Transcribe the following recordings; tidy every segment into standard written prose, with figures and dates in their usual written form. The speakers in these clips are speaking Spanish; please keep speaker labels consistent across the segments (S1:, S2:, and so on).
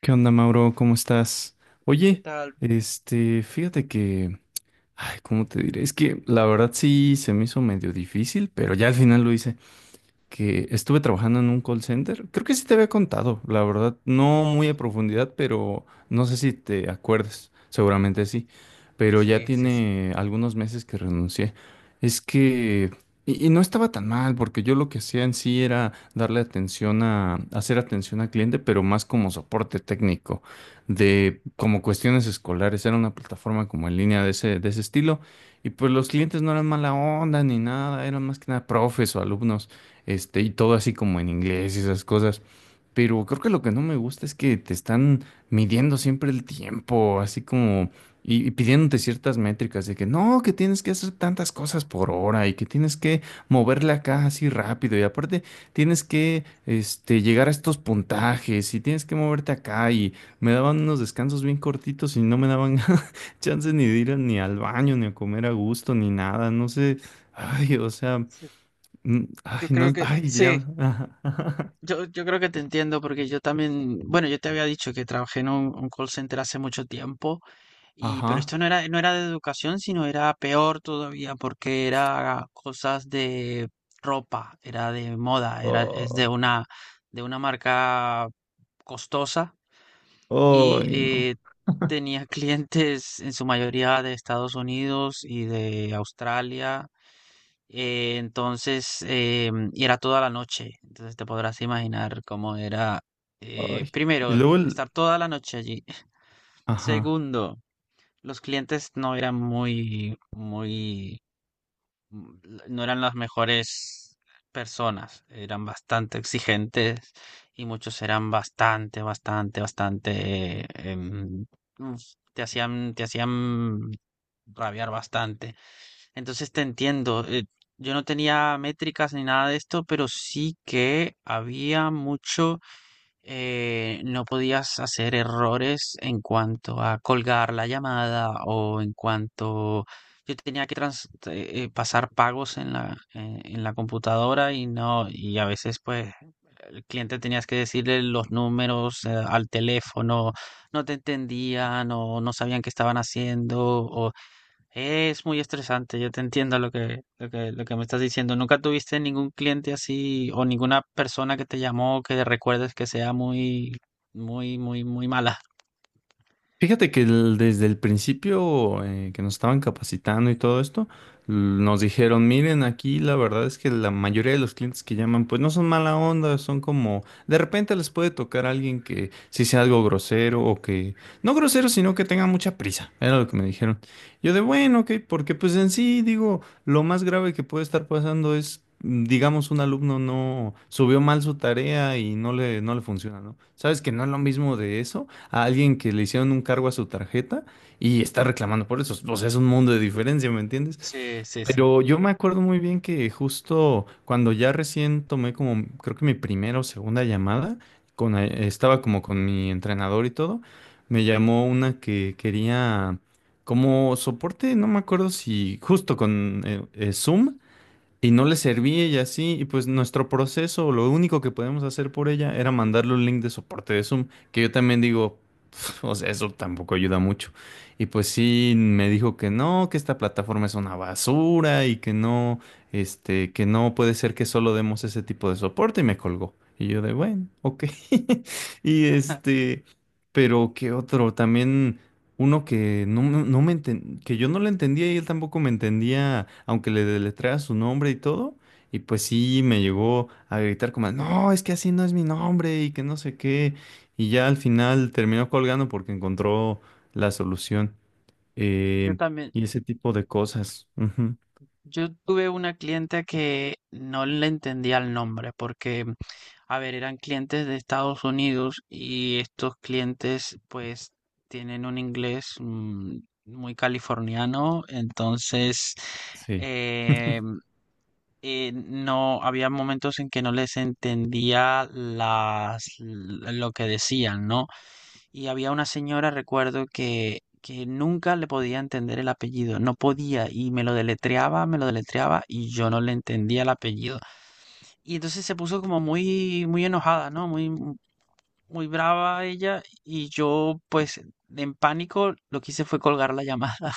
S1: ¿Qué onda, Mauro? ¿Cómo estás?
S2: ¿Qué
S1: Oye,
S2: tal?
S1: fíjate que, ay, ¿cómo te diré? Es que la verdad sí se me hizo medio difícil, pero ya al final lo hice que estuve trabajando en un call center. Creo que sí te había contado, la verdad, no muy a profundidad, pero no sé si te acuerdas, seguramente sí, pero ya
S2: Sí, sí, sí.
S1: tiene algunos meses que renuncié. Es que, y no estaba tan mal, porque yo lo que hacía en sí era darle atención a, hacer atención al cliente, pero más como soporte técnico, de como cuestiones escolares, era una plataforma como en línea de de ese estilo. Y pues los clientes no eran mala onda ni nada, eran más que nada profes o alumnos, y todo así como en inglés y esas cosas. Pero creo que lo que no me gusta es que te están midiendo siempre el tiempo, así como, y pidiéndote ciertas métricas de que no, que tienes que hacer tantas cosas por hora y que tienes que mover la caja así rápido y aparte tienes que, llegar a estos puntajes y tienes que moverte acá y me daban unos descansos bien cortitos y no me daban chance ni de ir ni al baño, ni a comer a gusto, ni nada, no sé, ay, o sea...
S2: Sí.
S1: Ay,
S2: Yo creo
S1: no,
S2: que
S1: ay, ya.
S2: sí,
S1: Ajá.
S2: yo creo que te entiendo porque yo también, bueno, yo te había dicho que trabajé en un call center hace mucho tiempo y pero
S1: Ajá.
S2: esto no era de educación, sino era peor todavía porque era cosas de ropa, era de moda, era es
S1: Oh,
S2: de una marca costosa y
S1: ay, no.
S2: tenía clientes en su mayoría de Estados Unidos y de Australia. Entonces, y era toda la noche. Entonces te podrás imaginar cómo era,
S1: Ay. Y
S2: primero,
S1: luego el.
S2: estar toda la noche allí.
S1: Ajá.
S2: Segundo, los clientes no eran muy, muy, mm, no eran las mejores personas. Eran bastante exigentes y muchos eran bastante, bastante, bastante, uf, te hacían rabiar bastante. Entonces te entiendo. Yo no tenía métricas ni nada de esto, pero sí que había mucho, no podías hacer errores en cuanto a colgar la llamada o en cuanto yo tenía que pasar pagos en en la computadora y no, y a veces pues el cliente tenías que decirle los números, al teléfono, no te entendían o no sabían qué estaban haciendo o es muy estresante, yo te entiendo lo que, lo que, lo que me estás diciendo. ¿Nunca tuviste ningún cliente así o ninguna persona que te llamó que recuerdes que sea muy, muy, muy, muy mala?
S1: Fíjate que el- desde el principio, que nos estaban capacitando y todo esto, l- nos dijeron, miren, aquí la verdad es que la mayoría de los clientes que llaman, pues no son mala onda, son como, de repente les puede tocar a alguien que sí sea algo grosero o que, no grosero, sino que tenga mucha prisa, era lo que me dijeron. Yo de, bueno, ok, porque pues en sí, digo, lo más grave que puede estar pasando es, digamos, un alumno no subió mal su tarea y no le, no le funciona, ¿no? Sabes que no es lo mismo de eso a alguien que le hicieron un cargo a su tarjeta y está reclamando por eso. O sea, es un mundo de diferencia, ¿me entiendes?
S2: Sí, sí, sí.
S1: Pero yo me acuerdo muy bien que justo cuando ya recién tomé como, creo que mi primera o segunda llamada, con, estaba como con mi entrenador y todo, me llamó una que quería como soporte, no me acuerdo si justo con Zoom. Y no le servía y así, y pues nuestro proceso, lo único que podíamos hacer por ella era mandarle un link de soporte de Zoom, que yo también digo, "Pf, o sea, eso tampoco ayuda mucho. Y pues sí, me dijo que no, que esta plataforma es una basura y que no, que no puede ser que solo demos ese tipo de soporte y me colgó. Y yo de, bueno, ok. Y pero qué otro, también... Uno que no, no me enten- que yo no le entendía y él tampoco me entendía, aunque le deletreara su nombre y todo. Y pues sí, me llegó a gritar como, no, es que así no es mi nombre y que no sé qué. Y ya al final terminó colgando porque encontró la solución.
S2: Yo
S1: Eh,
S2: también,
S1: y ese tipo de cosas. Ujú.
S2: yo tuve una cliente que no le entendía el nombre porque, a ver, eran clientes de Estados Unidos y estos clientes pues tienen un inglés muy californiano, entonces
S1: Sí.
S2: em, no, había momentos en que no les entendía lo que decían, ¿no? Y había una señora, recuerdo, que nunca le podía entender el apellido, no podía, y me lo deletreaba, y yo no le entendía el apellido. Y entonces se puso como muy, muy enojada, ¿no? Muy, muy brava ella, y yo, pues, en pánico, lo que hice fue colgar la llamada.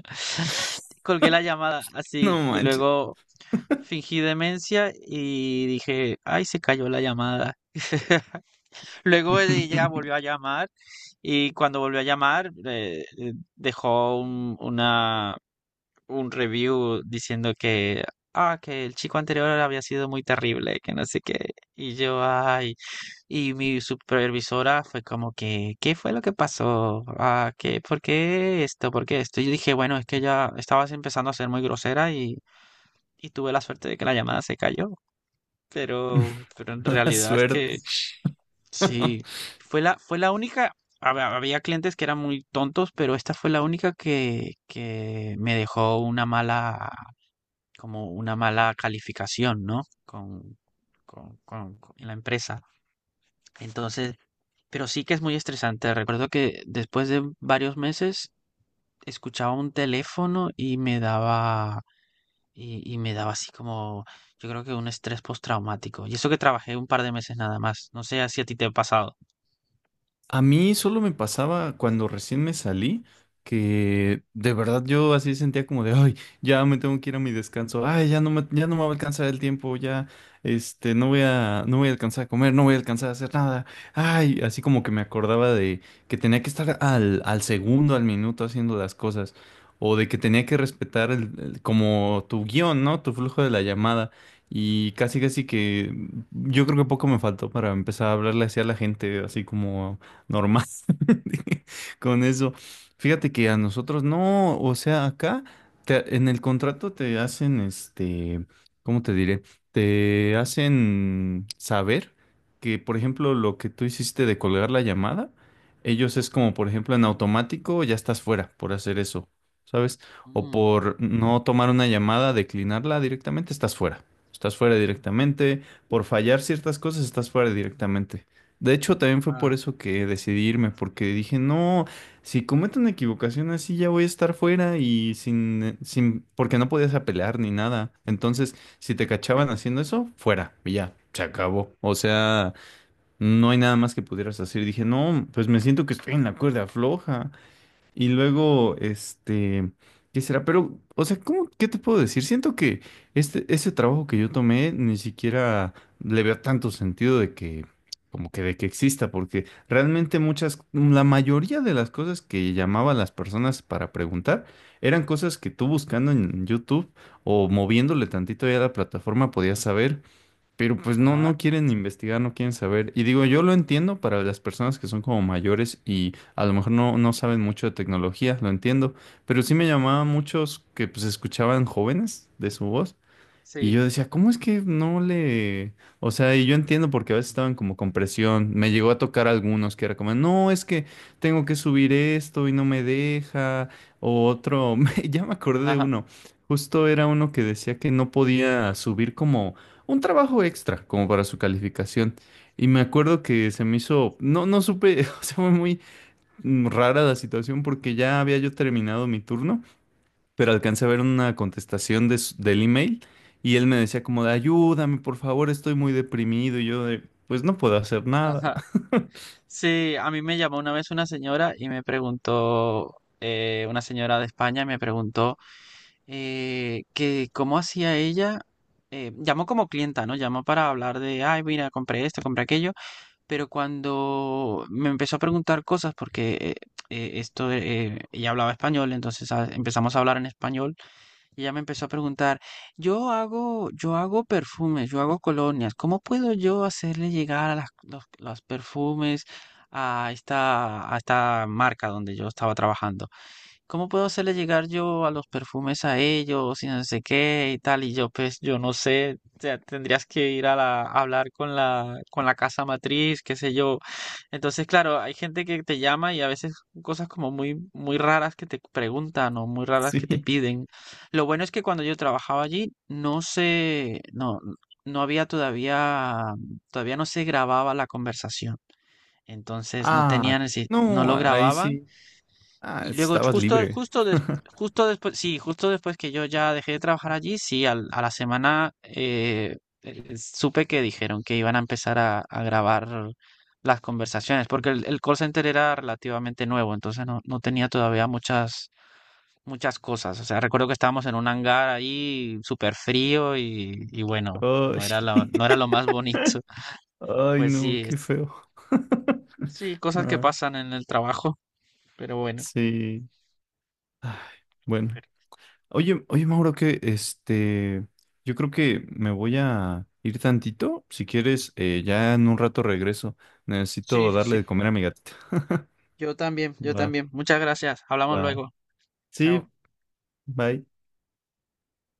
S2: Colgué la llamada así,
S1: No
S2: y
S1: manches.
S2: luego fingí demencia y dije, ay, se cayó la llamada. Luego ella volvió a llamar y cuando volvió a llamar dejó un review diciendo que, ah, que el chico anterior había sido muy terrible, que no sé qué. Y yo, ay, y mi supervisora fue como que, ¿qué fue lo que pasó? Ah, ¿qué, por qué esto? ¿Por qué esto? Y yo dije, bueno, es que ya estabas empezando a ser muy grosera y tuve la suerte de que la llamada se cayó, pero en
S1: Mala
S2: realidad es
S1: suerte.
S2: que sí, fue la única, había clientes que eran muy tontos, pero esta fue la única que me dejó una mala, como una mala calificación, ¿no? Con la empresa. Entonces, pero sí que es muy estresante. Recuerdo que después de varios meses escuchaba un teléfono y me daba. Y me daba así como, yo creo que un estrés postraumático. Y eso que trabajé un par de meses nada más. No sé si a ti te ha pasado.
S1: A mí solo me pasaba cuando recién me salí, que de verdad yo así sentía como de, ay, ya me tengo que ir a mi descanso, ay, ya no me va a alcanzar el tiempo, ya, no voy a, no voy a alcanzar a comer, no voy a alcanzar a hacer nada, ay, así como que me acordaba de que tenía que estar al, al segundo, al minuto haciendo las cosas, o de que tenía que respetar el- como tu guión, ¿no? Tu flujo de la llamada. Y casi casi que yo creo que poco me faltó para empezar a hablarle así a la gente, así como normal con eso. Fíjate que a nosotros no, o sea, acá en el contrato te hacen, ¿cómo te diré? Te hacen saber que, por ejemplo, lo que tú hiciste de colgar la llamada, ellos es como, por ejemplo, en automático ya estás fuera por hacer eso, ¿sabes? O
S2: Mm.
S1: por no tomar una llamada, declinarla directamente, estás fuera. Estás fuera directamente. Por fallar ciertas cosas, estás fuera directamente. De hecho, también fue por
S2: Wow.
S1: eso que decidí irme, porque dije, no, si cometo una equivocación así ya voy a estar fuera y sin, sin, porque no podías apelar ni nada. Entonces, si te cachaban haciendo eso, fuera, y ya, se acabó. O sea, no hay nada más que pudieras hacer. Dije, no, pues me siento que estoy en la cuerda floja. Y luego, ¿qué será? Pero, o sea, ¿cómo, qué te puedo decir? Siento que ese trabajo que yo tomé ni siquiera le veo tanto sentido de que, como que de que exista, porque realmente muchas, la mayoría de las cosas que llamaban las personas para preguntar eran cosas que tú buscando en YouTube o moviéndole tantito ya a la plataforma podías saber. Pero pues no, no
S2: Ajá,
S1: quieren investigar, no quieren saber. Y digo, yo lo entiendo para las personas que son como mayores y a lo mejor no, no saben mucho de tecnología, lo entiendo. Pero sí me llamaba muchos que pues escuchaban jóvenes de su voz y
S2: sí.
S1: yo decía, ¿cómo es que no le...? O sea, y yo entiendo porque a veces estaban como con presión. Me llegó a tocar algunos que era como, no, es que tengo que subir esto y no me deja. O otro, ya me acordé de
S2: Ajá,
S1: uno. Justo era uno que decía que no podía subir como un trabajo extra, como para su calificación. Y me acuerdo que se me hizo, no, no supe, o sea, fue muy rara la situación porque ya había yo terminado mi turno pero alcancé a ver una contestación de del email y él me decía como de ayúdame, por favor, estoy muy deprimido y yo de pues no puedo hacer nada.
S2: ajá. Sí, a mí me llamó una vez una señora y me preguntó, una señora de España me preguntó que cómo hacía ella, llamó como clienta, ¿no? Llamó para hablar de, ay, mira, compré esto, compré aquello. Pero cuando me empezó a preguntar cosas, porque ella hablaba español, entonces ah, empezamos a hablar en español, y ella me empezó a preguntar, yo hago perfumes, yo hago colonias, ¿cómo puedo yo hacerle llegar a los perfumes a esta marca donde yo estaba trabajando? ¿Cómo puedo hacerle llegar yo a los perfumes a ellos y no sé qué y tal? Y yo, pues, yo no sé, o sea, tendrías que ir a la, a hablar con la casa matriz, qué sé yo. Entonces, claro, hay gente que te llama y a veces cosas como muy, muy raras que te preguntan o muy raras que te
S1: Sí.
S2: piden. Lo bueno es que cuando yo trabajaba allí, no sé, no, no había todavía, todavía no se grababa la conversación. Entonces no
S1: Ah,
S2: tenían, el no
S1: no,
S2: lo
S1: ahí
S2: grababan.
S1: sí. Ah,
S2: Y luego
S1: estabas
S2: justo,
S1: libre.
S2: justo, justo después, sí, justo después que yo ya dejé de trabajar allí, sí, a la semana supe que dijeron que iban a empezar a grabar las conversaciones, porque el call center era relativamente nuevo, entonces no, no tenía todavía muchas, muchas cosas. O sea, recuerdo que estábamos en un hangar ahí súper frío y bueno,
S1: Ay,
S2: no era lo, no era lo más bonito.
S1: ay,
S2: Pues
S1: no,
S2: sí,
S1: qué feo.
S2: sí, cosas que
S1: Ah,
S2: pasan en el trabajo, pero bueno,
S1: sí. Ay,
S2: a
S1: bueno.
S2: ver.
S1: Oye, oye, Mauro, que yo creo que me voy a ir tantito. Si quieres, ya en un rato regreso.
S2: Sí,
S1: Necesito darle
S2: sí.
S1: de comer a mi gatita.
S2: Yo también, yo
S1: Va,
S2: también. Muchas gracias. Hablamos
S1: va.
S2: luego.
S1: Sí,
S2: Chao.
S1: bye.